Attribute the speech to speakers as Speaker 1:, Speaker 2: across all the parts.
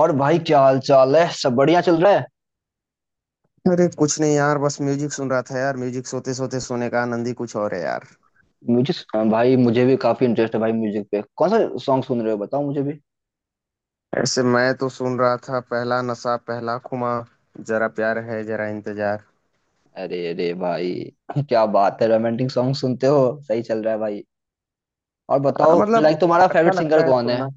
Speaker 1: और भाई क्या हाल चाल है। सब बढ़िया चल रहा है।
Speaker 2: अरे कुछ नहीं यार बस म्यूजिक सुन रहा था यार। म्यूजिक सोते सोते सोने का आनंद ही कुछ और है यार।
Speaker 1: म्यूजिक भाई मुझे भी काफी इंटरेस्ट है भाई म्यूजिक पे। कौन सा सॉन्ग सुन रहे हो बताओ मुझे भी।
Speaker 2: ऐसे मैं तो सुन रहा था पहला नशा पहला खुमा जरा प्यार है जरा इंतजार।
Speaker 1: अरे अरे भाई क्या बात है। रोमांटिक सॉन्ग सुनते हो। सही चल रहा है भाई। और
Speaker 2: हाँ,
Speaker 1: बताओ,
Speaker 2: मतलब
Speaker 1: लाइक तुम्हारा
Speaker 2: अच्छा
Speaker 1: फेवरेट सिंगर
Speaker 2: लगता है
Speaker 1: कौन है।
Speaker 2: सुनना।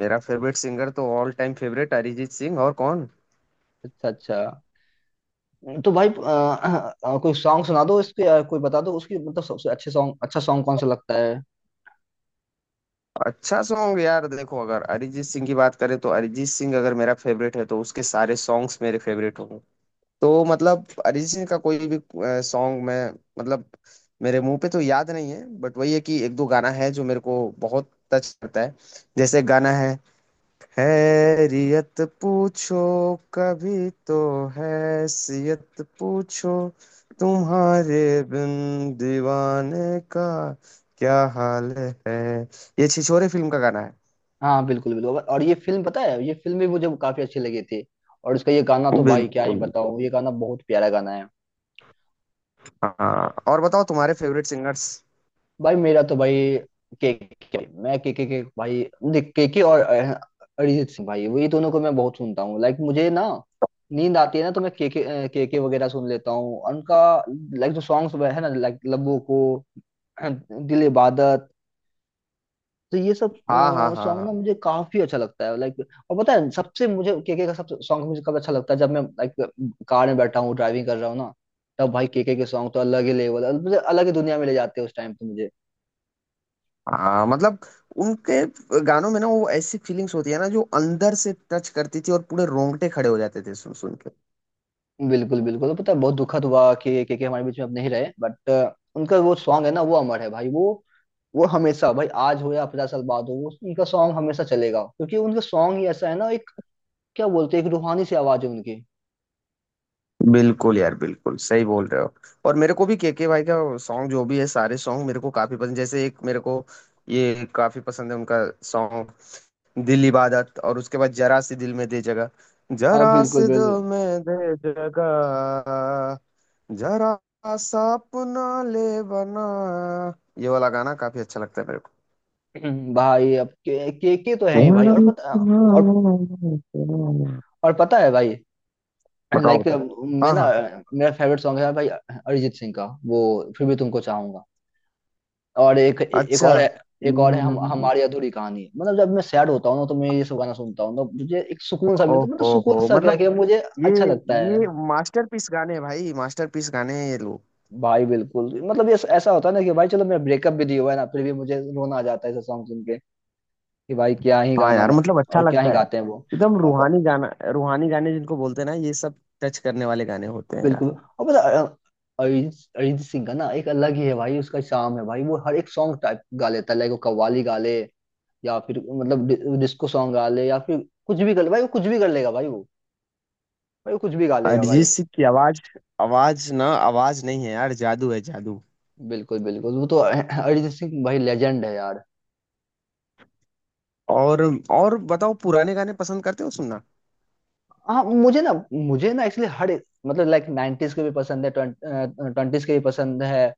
Speaker 2: मेरा फेवरेट सिंगर तो all time favourite Arijit Singh और कौन।
Speaker 1: अच्छा अच्छा। तो भाई कोई सॉन्ग सुना दो इसके कोई बता दो उसकी, मतलब सबसे अच्छे सॉन्ग, अच्छा सॉन्ग कौन सा लगता है।
Speaker 2: अच्छा सॉन्ग यार देखो अगर अरिजीत सिंह की बात करें तो अरिजीत सिंह अगर मेरा फेवरेट है तो उसके सारे सॉन्ग्स मेरे फेवरेट होंगे। तो मतलब अरिजीत सिंह का कोई भी सॉन्ग मैं मतलब मेरे मुंह पे तो याद नहीं है बट वही है कि एक दो गाना है जो मेरे को बहुत टच करता है। जैसे गाना है हैरियत पूछो कभी तो हैसियत पूछो तुम्हारे बिन दीवाने का क्या हाल है। ये छिछोरे फिल्म का गाना है।
Speaker 1: हाँ बिल्कुल बिल्कुल, और ये फिल्म, पता है ये फिल्म भी मुझे काफी अच्छी लगी थी। और इसका ये गाना तो भाई क्या ही
Speaker 2: बिल्कुल।
Speaker 1: बताऊं, ये गाना बहुत प्यारा गाना है।
Speaker 2: हाँ और बताओ तुम्हारे फेवरेट सिंगर्स।
Speaker 1: भाई मेरा तो भाई केके, मैं केके के भाई देख, केके और अरिजीत सिंह भाई, वही दोनों को मैं बहुत सुनता हूँ। लाइक मुझे ना नींद आती है ना, तो मैं केके केके वगैरह सुन लेता हूँ उनका। लाइक जो सॉन्ग्स है ना, लाइक लबों को, दिल इबादत, तो ये सब
Speaker 2: हाँ हाँ हाँ
Speaker 1: सॉन्ग ना
Speaker 2: हाँ।
Speaker 1: मुझे काफी अच्छा लगता है लाइक। और पता है सबसे, मुझे केके का सबसे सॉन्ग मुझे कब अच्छा लगता है, जब मैं लाइक कार में बैठा हूँ, ड्राइविंग कर रहा हूँ ना, तब भाई केके के सॉन्ग तो अलग ही लेवल, मुझे अलग ही दुनिया में ले जाते हैं उस टाइम पे मुझे।
Speaker 2: हाँ मतलब उनके गानों में ना वो ऐसी फीलिंग्स होती है ना जो अंदर से टच करती थी और पूरे रोंगटे खड़े हो जाते थे सुन सुन के।
Speaker 1: बिल्कुल बिल्कुल, पता है बहुत दुखद हुआ कि के हमारे बीच में अब नहीं रहे, बट उनका वो सॉन्ग है ना वो अमर है भाई, वो हमेशा भाई, आज हो या 50 साल बाद हो, वो उनका सॉन्ग हमेशा चलेगा, क्योंकि उनका सॉन्ग ही ऐसा है ना एक, क्या बोलते हैं, एक रूहानी सी आवाज है उनकी।
Speaker 2: बिल्कुल यार बिल्कुल सही बोल रहे हो। और मेरे को भी केके भाई का सॉन्ग जो भी है सारे सॉन्ग मेरे को काफी पसंद जैसे एक मेरे को ये काफी पसंद है उनका सॉन्ग दिल इबादत, और उसके बाद जरा सी दिल में दे जगह, जरा
Speaker 1: बिल्कुल
Speaker 2: सी
Speaker 1: बिल्कुल।
Speaker 2: दिल में दे जगह, जरा सा अपना ले बना। ये वाला गाना काफी अच्छा लगता है मेरे को।
Speaker 1: भाई अब के तो है ही भाई, और पता, और
Speaker 2: बताओ।
Speaker 1: और पता है भाई
Speaker 2: बताओ।
Speaker 1: लाइक, मैं
Speaker 2: हाँ
Speaker 1: ना,
Speaker 2: हाँ।
Speaker 1: मेरा फेवरेट सॉन्ग है भाई अरिजीत सिंह का, वो फिर भी तुमको चाहूंगा। और एक एक
Speaker 2: अच्छा।
Speaker 1: और है, एक और है, हम
Speaker 2: हम्म,
Speaker 1: हमारी अधूरी कहानी, मतलब जब मैं सैड होता हूँ ना, तो मैं ये सब गाना सुनता हूँ, तो मुझे एक सुकून सा मिलता है, मतलब
Speaker 2: ओहो हो
Speaker 1: सुकून सा क्या,
Speaker 2: मतलब
Speaker 1: कि मुझे अच्छा लगता है।
Speaker 2: ये मास्टरपीस गाने हैं भाई मास्टरपीस गाने हैं ये लोग।
Speaker 1: भाई बिल्कुल मतलब, ये ऐसा होता है ना कि भाई चलो मेरा ब्रेकअप भी दिया हुआ है ना, फिर भी मुझे रोना आ जाता है ऐसा सॉन्ग सुन के, कि भाई क्या ही
Speaker 2: हाँ
Speaker 1: गाना
Speaker 2: यार मतलब अच्छा
Speaker 1: और क्या ही
Speaker 2: लगता है
Speaker 1: गाते हैं वो,
Speaker 2: एकदम
Speaker 1: और
Speaker 2: रूहानी
Speaker 1: प-
Speaker 2: गाना रूहानी गाने जिनको बोलते हैं ना ये सब टच करने वाले गाने होते हैं यार।
Speaker 1: बिल्कुल और पता है, अरिजीत अरिजीत सिंह का ना एक अलग ही है भाई उसका, शाम है भाई, वो हर एक सॉन्ग टाइप गा लेता है, लाइक वो कव्वाली गा ले, या फिर मतलब डिस्को सॉन्ग गा ले, या फिर कुछ भी कर ले भाई, वो कुछ भी कर लेगा भाई वो, भाई वो कुछ भी गा लेगा
Speaker 2: अरिजीत
Speaker 1: भाई।
Speaker 2: सिंह की आवाज आवाज ना आवाज नहीं है यार जादू है जादू।
Speaker 1: बिल्कुल बिल्कुल, वो तो अरिजीत सिंह भाई लेजेंड है यार।
Speaker 2: और और बताओ पुराने गाने पसंद करते हो सुनना।
Speaker 1: हाँ मुझे ना, मुझे ना एक्चुअली हर मतलब लाइक 90s के भी पसंद है, 20s के भी पसंद है।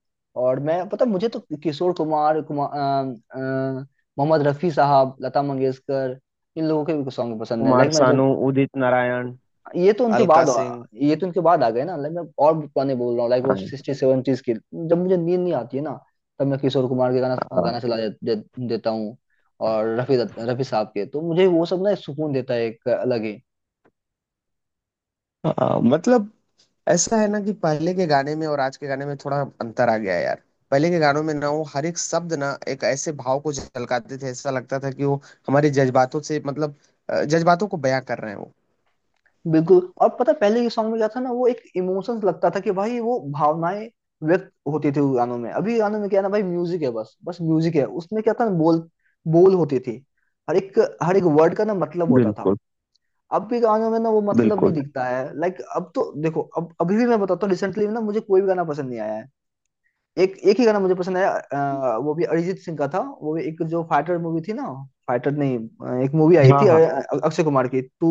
Speaker 1: और मैं पता, मुझे तो किशोर कुमार कुमार अ, अ, मोहम्मद रफी साहब, लता मंगेशकर, इन लोगों के भी सॉन्ग पसंद है।
Speaker 2: कुमार
Speaker 1: लाइक मैं जब,
Speaker 2: सानू उदित नारायण
Speaker 1: ये तो उनके
Speaker 2: अलका
Speaker 1: बाद
Speaker 2: सिंह।
Speaker 1: ये तो उनके बाद आ गए ना। लाइक मैं और भी पुराने बोल रहा हूँ, लाइक वो
Speaker 2: हाँ।
Speaker 1: 60s 70s के, जब मुझे नींद नहीं आती है ना, तब मैं किशोर कुमार के गाना गाना चला दे, दे, देता हूँ। और रफी रफी साहब के तो मुझे वो सब ना एक सुकून देता है, एक अलग ही।
Speaker 2: हाँ मतलब ऐसा है ना कि पहले के गाने में और आज के गाने में थोड़ा अंतर आ गया है यार। पहले के गानों में ना वो हर एक शब्द ना एक ऐसे भाव को झलकाते थे ऐसा लगता था कि वो हमारे जज्बातों से मतलब जज्बातों को बयां कर रहे हैं वो।
Speaker 1: बिल्कुल और पता है, पहले के सॉन्ग में क्या था ना, वो एक इमोशंस, लगता था कि भाई वो भावनाएं व्यक्त होती थी उस गानों में। अभी गानों में क्या है ना भाई, म्यूजिक है बस बस म्यूजिक है, उसमें क्या था ना बोल, होती थी, हर एक वर्ड का ना मतलब होता था।
Speaker 2: बिल्कुल
Speaker 1: अब भी गानों में ना वो मतलब नहीं
Speaker 2: बिल्कुल।
Speaker 1: दिखता है, लाइक अब तो देखो अब अभी भी मैं बताता हूँ, रिसेंटली ना मुझे कोई भी गाना पसंद नहीं आया है। एक एक ही गाना मुझे पसंद आया वो भी अरिजीत सिंह का था, वो भी एक जो फाइटर मूवी थी ना, फाइटर नहीं एक मूवी आई
Speaker 2: हाँ
Speaker 1: थी
Speaker 2: हाँ।
Speaker 1: अक्षय कुमार की, तू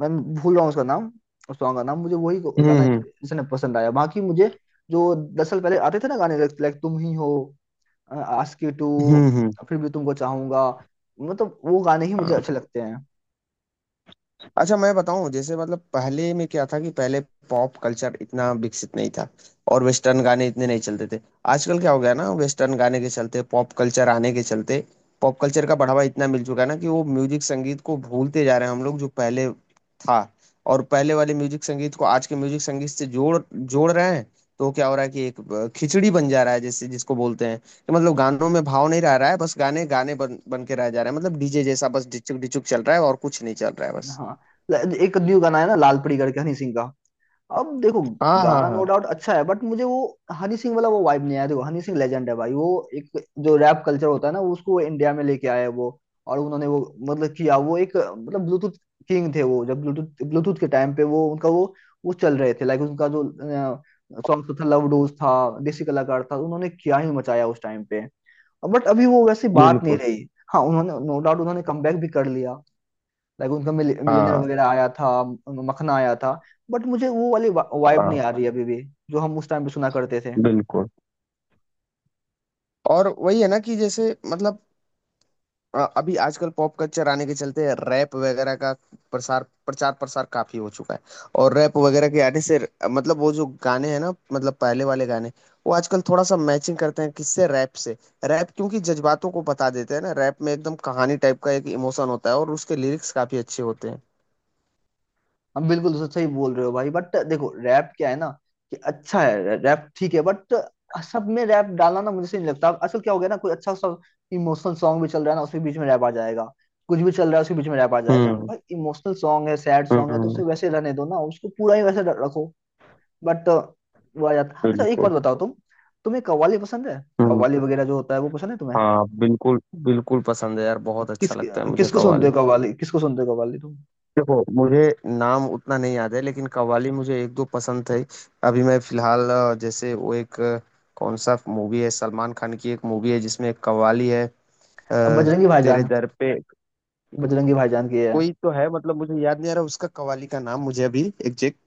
Speaker 1: मैं भूल रहा हूँ उसका नाम, उस सॉन्ग का नाम मुझे, वही
Speaker 2: हम्म
Speaker 1: गाना
Speaker 2: हम्म
Speaker 1: इसने पसंद आया, बाकी मुझे जो 10 साल पहले आते थे ना गाने, लाइक तुम ही हो, आस्की टू,
Speaker 2: हम्म
Speaker 1: फिर भी तुमको चाहूंगा, मतलब वो गाने ही मुझे
Speaker 2: हम्म।
Speaker 1: अच्छे लगते हैं।
Speaker 2: अच्छा मैं बताऊं जैसे मतलब पहले में क्या था कि पहले पॉप कल्चर इतना विकसित नहीं था और वेस्टर्न गाने इतने नहीं चलते थे। आजकल क्या हो गया ना वेस्टर्न गाने के चलते पॉप कल्चर आने के चलते पॉप कल्चर का बढ़ावा इतना मिल चुका है ना कि वो म्यूजिक संगीत को भूलते जा रहे हैं हम लोग जो पहले था। और पहले वाले म्यूजिक संगीत को आज के म्यूजिक संगीत से जोड़ जोड़ रहे हैं। तो क्या हो रहा है कि एक खिचड़ी बन जा रहा है जैसे जिसको बोलते हैं कि मतलब गानों में भाव नहीं रह रहा है बस गाने गाने बन बन के रह जा रहे हैं मतलब डीजे जैसा बस डिचुक डिचुक चल रहा है और कुछ नहीं चल रहा है बस।
Speaker 1: हाँ एक न्यू गाना है ना लाल परी करके, हनी सिंह का। अब देखो
Speaker 2: हाँ हाँ
Speaker 1: गाना
Speaker 2: हाँ
Speaker 1: नो डाउट अच्छा है, बट मुझे वो हनी सिंह वाला वो वाइब नहीं आया। देखो हनी सिंह लेजेंड है भाई वो, एक जो रैप कल्चर होता है ना, उसको इंडिया में लेके आए हैं वो। और उन्होंने वो, मतलब किया वो, एक मतलब ब्लूटूथ किंग थे वो, जब ब्लूटूथ ब्लूटूथ के टाइम पे वो उनका वो चल रहे थे। लाइक उनका जो सॉन्ग था, लव डोज था, देसी कलाकार था, उन्होंने क्या ही मचाया उस टाइम पे, बट अभी वो वैसी बात नहीं
Speaker 2: बिल्कुल।
Speaker 1: रही। हाँ उन्होंने नो डाउट उन्होंने कमबैक भी कर लिया, लाइक उनका मिलियनर
Speaker 2: हाँ
Speaker 1: वगैरह आया था, मखना आया था, बट मुझे वो वाली वाइब नहीं
Speaker 2: हाँ
Speaker 1: आ रही अभी भी, जो हम उस टाइम पे सुना करते थे।
Speaker 2: बिल्कुल। और वही है ना कि जैसे मतलब अभी आजकल पॉप कल्चर आने के चलते रैप वगैरह का प्रसार प्रचार प्रसार काफी हो चुका है। और रैप वगैरह के आने से मतलब वो जो गाने हैं ना मतलब पहले वाले गाने वो आजकल थोड़ा सा मैचिंग करते हैं किससे रैप से। रैप क्योंकि जज्बातों को बता देते हैं ना रैप में एकदम कहानी टाइप का एक इमोशन होता है और उसके लिरिक्स काफी अच्छे होते हैं।
Speaker 1: हम बिल्कुल सही बोल रहे हो भाई, बट देखो रैप क्या है ना, कि अच्छा है रैप ठीक है, बट सब में रैप डालना ना मुझे सही नहीं लगता। असल क्या हो गया ना, कोई अच्छा सा इमोशनल सॉन्ग भी चल रहा है ना, उसके बीच में रैप आ जाएगा, कुछ भी चल रहा है उसके बीच में रैप आ जाएगा।
Speaker 2: हम्म
Speaker 1: भाई इमोशनल सॉन्ग है, सैड सॉन्ग है, तो उसे
Speaker 2: हम्म
Speaker 1: वैसे रहने दो ना, उसको पूरा ही वैसे रखो। बट वो आ जाता। अच्छा एक
Speaker 2: बिल्कुल
Speaker 1: बात बताओ, तुम्हें कव्वाली पसंद है।
Speaker 2: हम्म।
Speaker 1: कव्वाली वगैरह जो होता है वो पसंद है तुम्हें।
Speaker 2: हाँ बिल्कुल बिल्कुल पसंद है यार बहुत
Speaker 1: किस
Speaker 2: अच्छा लगता है मुझे
Speaker 1: किसको सुनते
Speaker 2: कव्वाली।
Speaker 1: हो कव्वाली, किसको सुनते हो कव्वाली तुम।
Speaker 2: देखो मुझे नाम उतना नहीं याद है लेकिन कव्वाली मुझे एक दो पसंद थे। अभी मैं फिलहाल जैसे वो एक कौन सा मूवी है सलमान खान की एक मूवी है जिसमें एक कव्वाली है। अ,
Speaker 1: अब बजरंगी
Speaker 2: तेरे
Speaker 1: भाईजान,
Speaker 2: दर पे
Speaker 1: बजरंगी भाईजान की है।
Speaker 2: कोई तो है मतलब मुझे याद नहीं आ रहा उसका कव्वाली का नाम मुझे अभी एग्जैक्ट।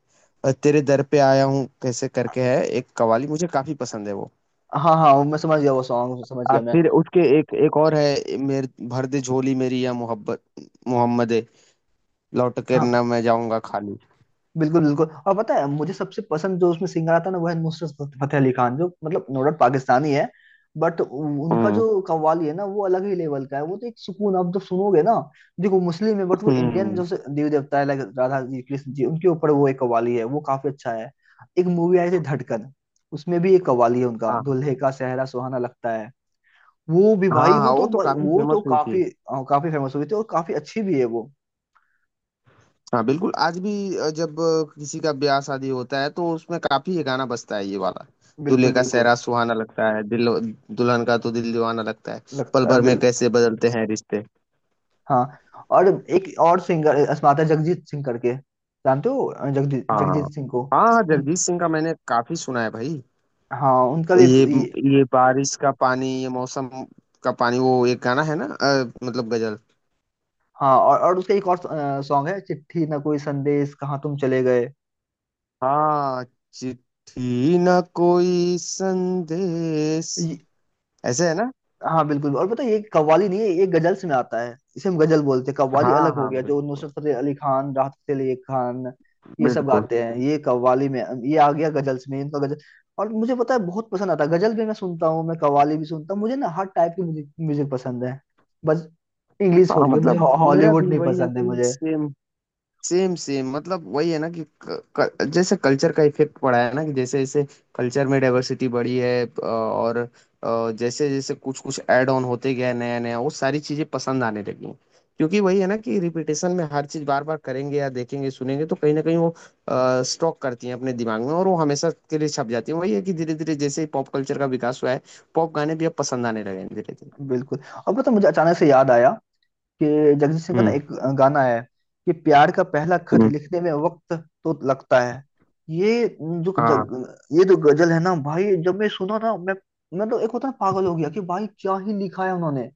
Speaker 2: तेरे दर पे आया हूँ कैसे करके है एक कवाली मुझे काफी पसंद है वो।
Speaker 1: हाँ हाँ वो मैं समझ गया, वो सॉन्ग समझ गया मैं।
Speaker 2: फिर उसके एक एक और है मेरे भर दे झोली मेरी या मोहब्बत मोहम्मद लौट के
Speaker 1: हाँ
Speaker 2: न मैं जाऊंगा खाली।
Speaker 1: बिल्कुल बिल्कुल, और पता है मुझे सबसे पसंद, जो उसमें सिंगर आता है ना वो है नुसरत फतेह अली खान, जो मतलब नो डाउट पाकिस्तानी है, बट उनका
Speaker 2: हम्म
Speaker 1: जो कव्वाली है ना वो अलग ही लेवल का है, वो तो एक सुकून, आप जब सुनोगे ना। देखो मुस्लिम है, बट वो इंडियन
Speaker 2: हम्म।
Speaker 1: जो देव देवता है लाइक राधा जी कृष्ण जी, उनके ऊपर वो एक कव्वाली है, वो काफी अच्छा है। एक मूवी आई थी धड़कन, उसमें भी एक कव्वाली है उनका,
Speaker 2: हाँ।
Speaker 1: दुल्हे का सेहरा सुहाना लगता है, वो भी
Speaker 2: हाँ
Speaker 1: भाई
Speaker 2: हाँ
Speaker 1: वो तो,
Speaker 2: वो तो काफी
Speaker 1: वो तो
Speaker 2: फेमस हुई थी।
Speaker 1: काफी काफी फेमस हुई थी, और काफी अच्छी भी है वो।
Speaker 2: हाँ बिल्कुल आज भी जब किसी का ब्याह शादी होता है तो उसमें काफी ये गाना बजता है ये वाला दूल्हे
Speaker 1: बिल्कुल
Speaker 2: का
Speaker 1: बिल्कुल
Speaker 2: सेहरा सुहाना लगता है दिल दुल्हन का तो दिल दीवाना लगता है पल
Speaker 1: लगता है
Speaker 2: भर में
Speaker 1: बिल्कुल।
Speaker 2: कैसे बदलते हैं रिश्ते।
Speaker 1: हाँ और एक और सिंगर अस्माता, जगजीत सिंह करके, जानते हो जगजीत
Speaker 2: हाँ
Speaker 1: जगजीत
Speaker 2: हाँ।
Speaker 1: सिंह को।
Speaker 2: हाँ,
Speaker 1: उन,
Speaker 2: जगजीत सिंह का मैंने काफी सुना है भाई।
Speaker 1: हाँ उनका भी एक
Speaker 2: ये ये बारिश का पानी ये मौसम का पानी वो एक गाना है ना मतलब गजल।
Speaker 1: हाँ और उसका एक और सॉन्ग है, चिट्ठी ना कोई संदेश कहाँ तुम चले गए।
Speaker 2: हाँ चिट्ठी ना कोई संदेश ऐसे है ना।
Speaker 1: हाँ बिल्कुल और पता है, ये कव्वाली नहीं है, ये गजल्स में आता है, इसे हम गजल बोलते हैं। कव्वाली
Speaker 2: हाँ
Speaker 1: अलग हो
Speaker 2: हाँ
Speaker 1: गया, जो
Speaker 2: बिल्कुल
Speaker 1: नुसरत फतेह अली खान, राहत फतेह अली खान, ये सब
Speaker 2: बिल्कुल।
Speaker 1: गाते हैं ये कव्वाली में। ये आ गया गजल्स में, इनका गजल। और मुझे पता है बहुत पसंद आता है, गजल भी मैं सुनता हूँ, मैं कव्वाली भी सुनता हूँ, मुझे ना हर टाइप की म्यूजिक म्यूजिक पसंद है। बस इंग्लिश छोड़
Speaker 2: हाँ
Speaker 1: के मुझे,
Speaker 2: मतलब मेरा
Speaker 1: हॉलीवुड
Speaker 2: भी
Speaker 1: नहीं
Speaker 2: वही है
Speaker 1: पसंद है
Speaker 2: कि
Speaker 1: मुझे।
Speaker 2: सेम सेम सेम मतलब वही है ना कि क, क, जैसे कल्चर का इफेक्ट पड़ा है ना कि जैसे जैसे कल्चर में डाइवर्सिटी बढ़ी है और जैसे जैसे कुछ कुछ ऐड ऑन होते गया नया नया वो सारी चीजें पसंद आने लगी हैं। क्योंकि वही है ना कि रिपीटेशन में हर चीज बार बार करेंगे या देखेंगे सुनेंगे तो कहीं ना कहीं वो स्टॉक करती हैं अपने दिमाग में और वो हमेशा के लिए छप जाती है। वही है कि धीरे धीरे जैसे ही पॉप कल्चर का विकास हुआ है पॉप गाने भी अब पसंद आने लगे हैं धीरे धीरे।
Speaker 1: बिल्कुल और पता है, मुझे अचानक से याद आया कि जगजीत सिंह का ना
Speaker 2: हम्म
Speaker 1: एक गाना है, कि प्यार का पहला खत
Speaker 2: हम्म,
Speaker 1: लिखने में वक्त तो लगता है।
Speaker 2: हाँ।
Speaker 1: ये जो गजल है ना भाई, जब मैं सुना ना मैं तो एक होता है ना, पागल हो गया, कि भाई क्या ही लिखा है उन्होंने,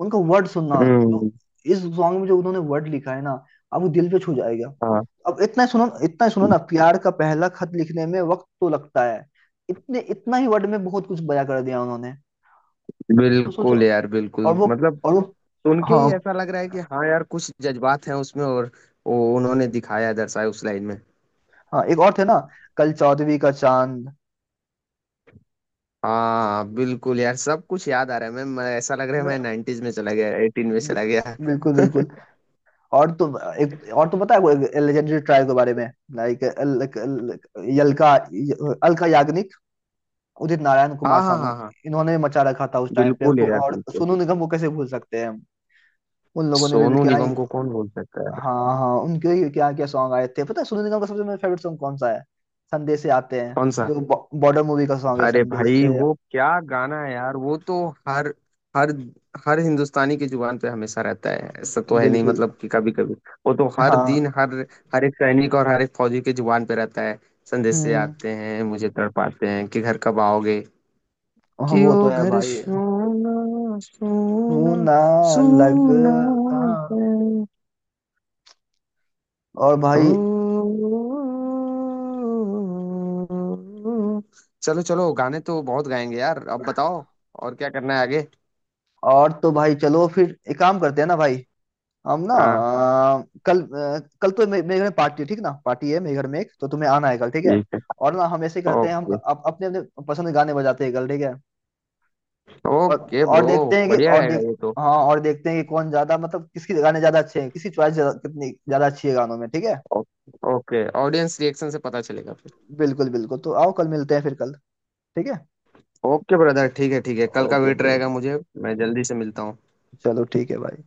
Speaker 1: उनका वर्ड सुनना। जो
Speaker 2: हम्म,
Speaker 1: इस सॉन्ग में जो उन्होंने वर्ड लिखा है ना, अब वो दिल पे छू जाएगा।
Speaker 2: हाँ
Speaker 1: अब इतना ही सुनो, इतना ही सुनो ना, प्यार का पहला खत लिखने में वक्त तो लगता है, इतने इतना ही वर्ड में बहुत कुछ बयां कर दिया उन्होंने, तो सोचो।
Speaker 2: बिल्कुल यार बिल्कुल
Speaker 1: और वो
Speaker 2: मतलब
Speaker 1: और वो
Speaker 2: सुन के ही
Speaker 1: हाँ
Speaker 2: ऐसा लग रहा है कि हाँ यार कुछ जज्बात हैं उसमें और वो उन्होंने दिखाया दर्शाया उस लाइन में।
Speaker 1: हाँ, एक और थे ना, कल चौदहवीं का चांद।
Speaker 2: हाँ बिल्कुल यार सब कुछ याद आ रहा है मैं ऐसा लग रहा है
Speaker 1: मैं
Speaker 2: मैं 90s में चला गया एटीन में
Speaker 1: बि-
Speaker 2: चला गया।
Speaker 1: बिल्कुल बिल्कुल। और तो एक और तो पता है वो लेजेंडरी ट्राइब के बारे में, लाइक यलका अलका याग्निक, उदित नारायण,
Speaker 2: हाँ
Speaker 1: कुमार
Speaker 2: हाँ
Speaker 1: सानू,
Speaker 2: हाँ हाँ
Speaker 1: इन्होंने मचा रखा था उस टाइम पे।
Speaker 2: बिल्कुल यार
Speaker 1: और
Speaker 2: बिल्कुल।
Speaker 1: सोनू निगम को कैसे भूल सकते हैं हम? उन लोगों ने भी
Speaker 2: सोनू
Speaker 1: क्या ही,
Speaker 2: निगम को कौन बोल सकता है।
Speaker 1: हाँ हाँ उनके ही क्या क्या सॉन्ग आए थे। पता है सोनू निगम का सबसे मेरा फेवरेट सॉन्ग कौन सा है? संदेश से आते हैं,
Speaker 2: कौन सा।
Speaker 1: जो बॉर्डर मूवी का सॉन्ग है,
Speaker 2: अरे
Speaker 1: संदेश
Speaker 2: भाई
Speaker 1: से।
Speaker 2: वो क्या गाना है यार वो तो हर हर हर हिंदुस्तानी की जुबान पे हमेशा रहता है ऐसा तो है नहीं
Speaker 1: बिल्कुल।
Speaker 2: मतलब कि कभी कभी। वो तो हर
Speaker 1: हाँ।
Speaker 2: दिन हर हर एक सैनिक और हर एक फौजी की जुबान पे रहता है। संदेशे
Speaker 1: हम्म।
Speaker 2: आते हैं मुझे तड़पाते हैं कि घर कब आओगे
Speaker 1: हाँ,
Speaker 2: कि
Speaker 1: वो
Speaker 2: ओ
Speaker 1: तो है
Speaker 2: घर
Speaker 1: भाई
Speaker 2: सोना
Speaker 1: तू
Speaker 2: सोना
Speaker 1: ना
Speaker 2: सोना
Speaker 1: लगता।
Speaker 2: है।
Speaker 1: और भाई,
Speaker 2: चलो चलो गाने तो बहुत गाएंगे यार अब बताओ और क्या करना है आगे।
Speaker 1: और तो भाई चलो फिर एक काम करते हैं ना भाई, हम ना
Speaker 2: हाँ
Speaker 1: कल तो मेरे घर में पार्टी है, ठीक ना, पार्टी है मेरे घर में, एक तो तुम्हें आना है कल ठीक है।
Speaker 2: ठीक
Speaker 1: और ना हम ऐसे
Speaker 2: है।
Speaker 1: करते हैं, हम
Speaker 2: ओके।
Speaker 1: अपने अपने पसंद के गाने बजाते हैं कल ठीक है।
Speaker 2: ओके
Speaker 1: और
Speaker 2: ब्रो।
Speaker 1: देखते हैं कि
Speaker 2: बढ़िया
Speaker 1: और
Speaker 2: रहेगा
Speaker 1: देख
Speaker 2: ये तो।
Speaker 1: हाँ और देखते हैं कि कौन ज्यादा, मतलब किसकी गाने ज्यादा अच्छे हैं, किसकी चॉइस कितनी ज्यादा अच्छी है गानों में, ठीक है।
Speaker 2: ओ- ओके ऑडियंस रिएक्शन से पता चलेगा फिर।
Speaker 1: बिल्कुल बिल्कुल, तो आओ कल मिलते हैं फिर, कल ठीक है।
Speaker 2: ओके ब्रदर ठीक है कल का
Speaker 1: ओके
Speaker 2: वेट
Speaker 1: ब्रो,
Speaker 2: रहेगा मुझे। मैं जल्दी से मिलता हूँ।
Speaker 1: चलो ठीक है भाई।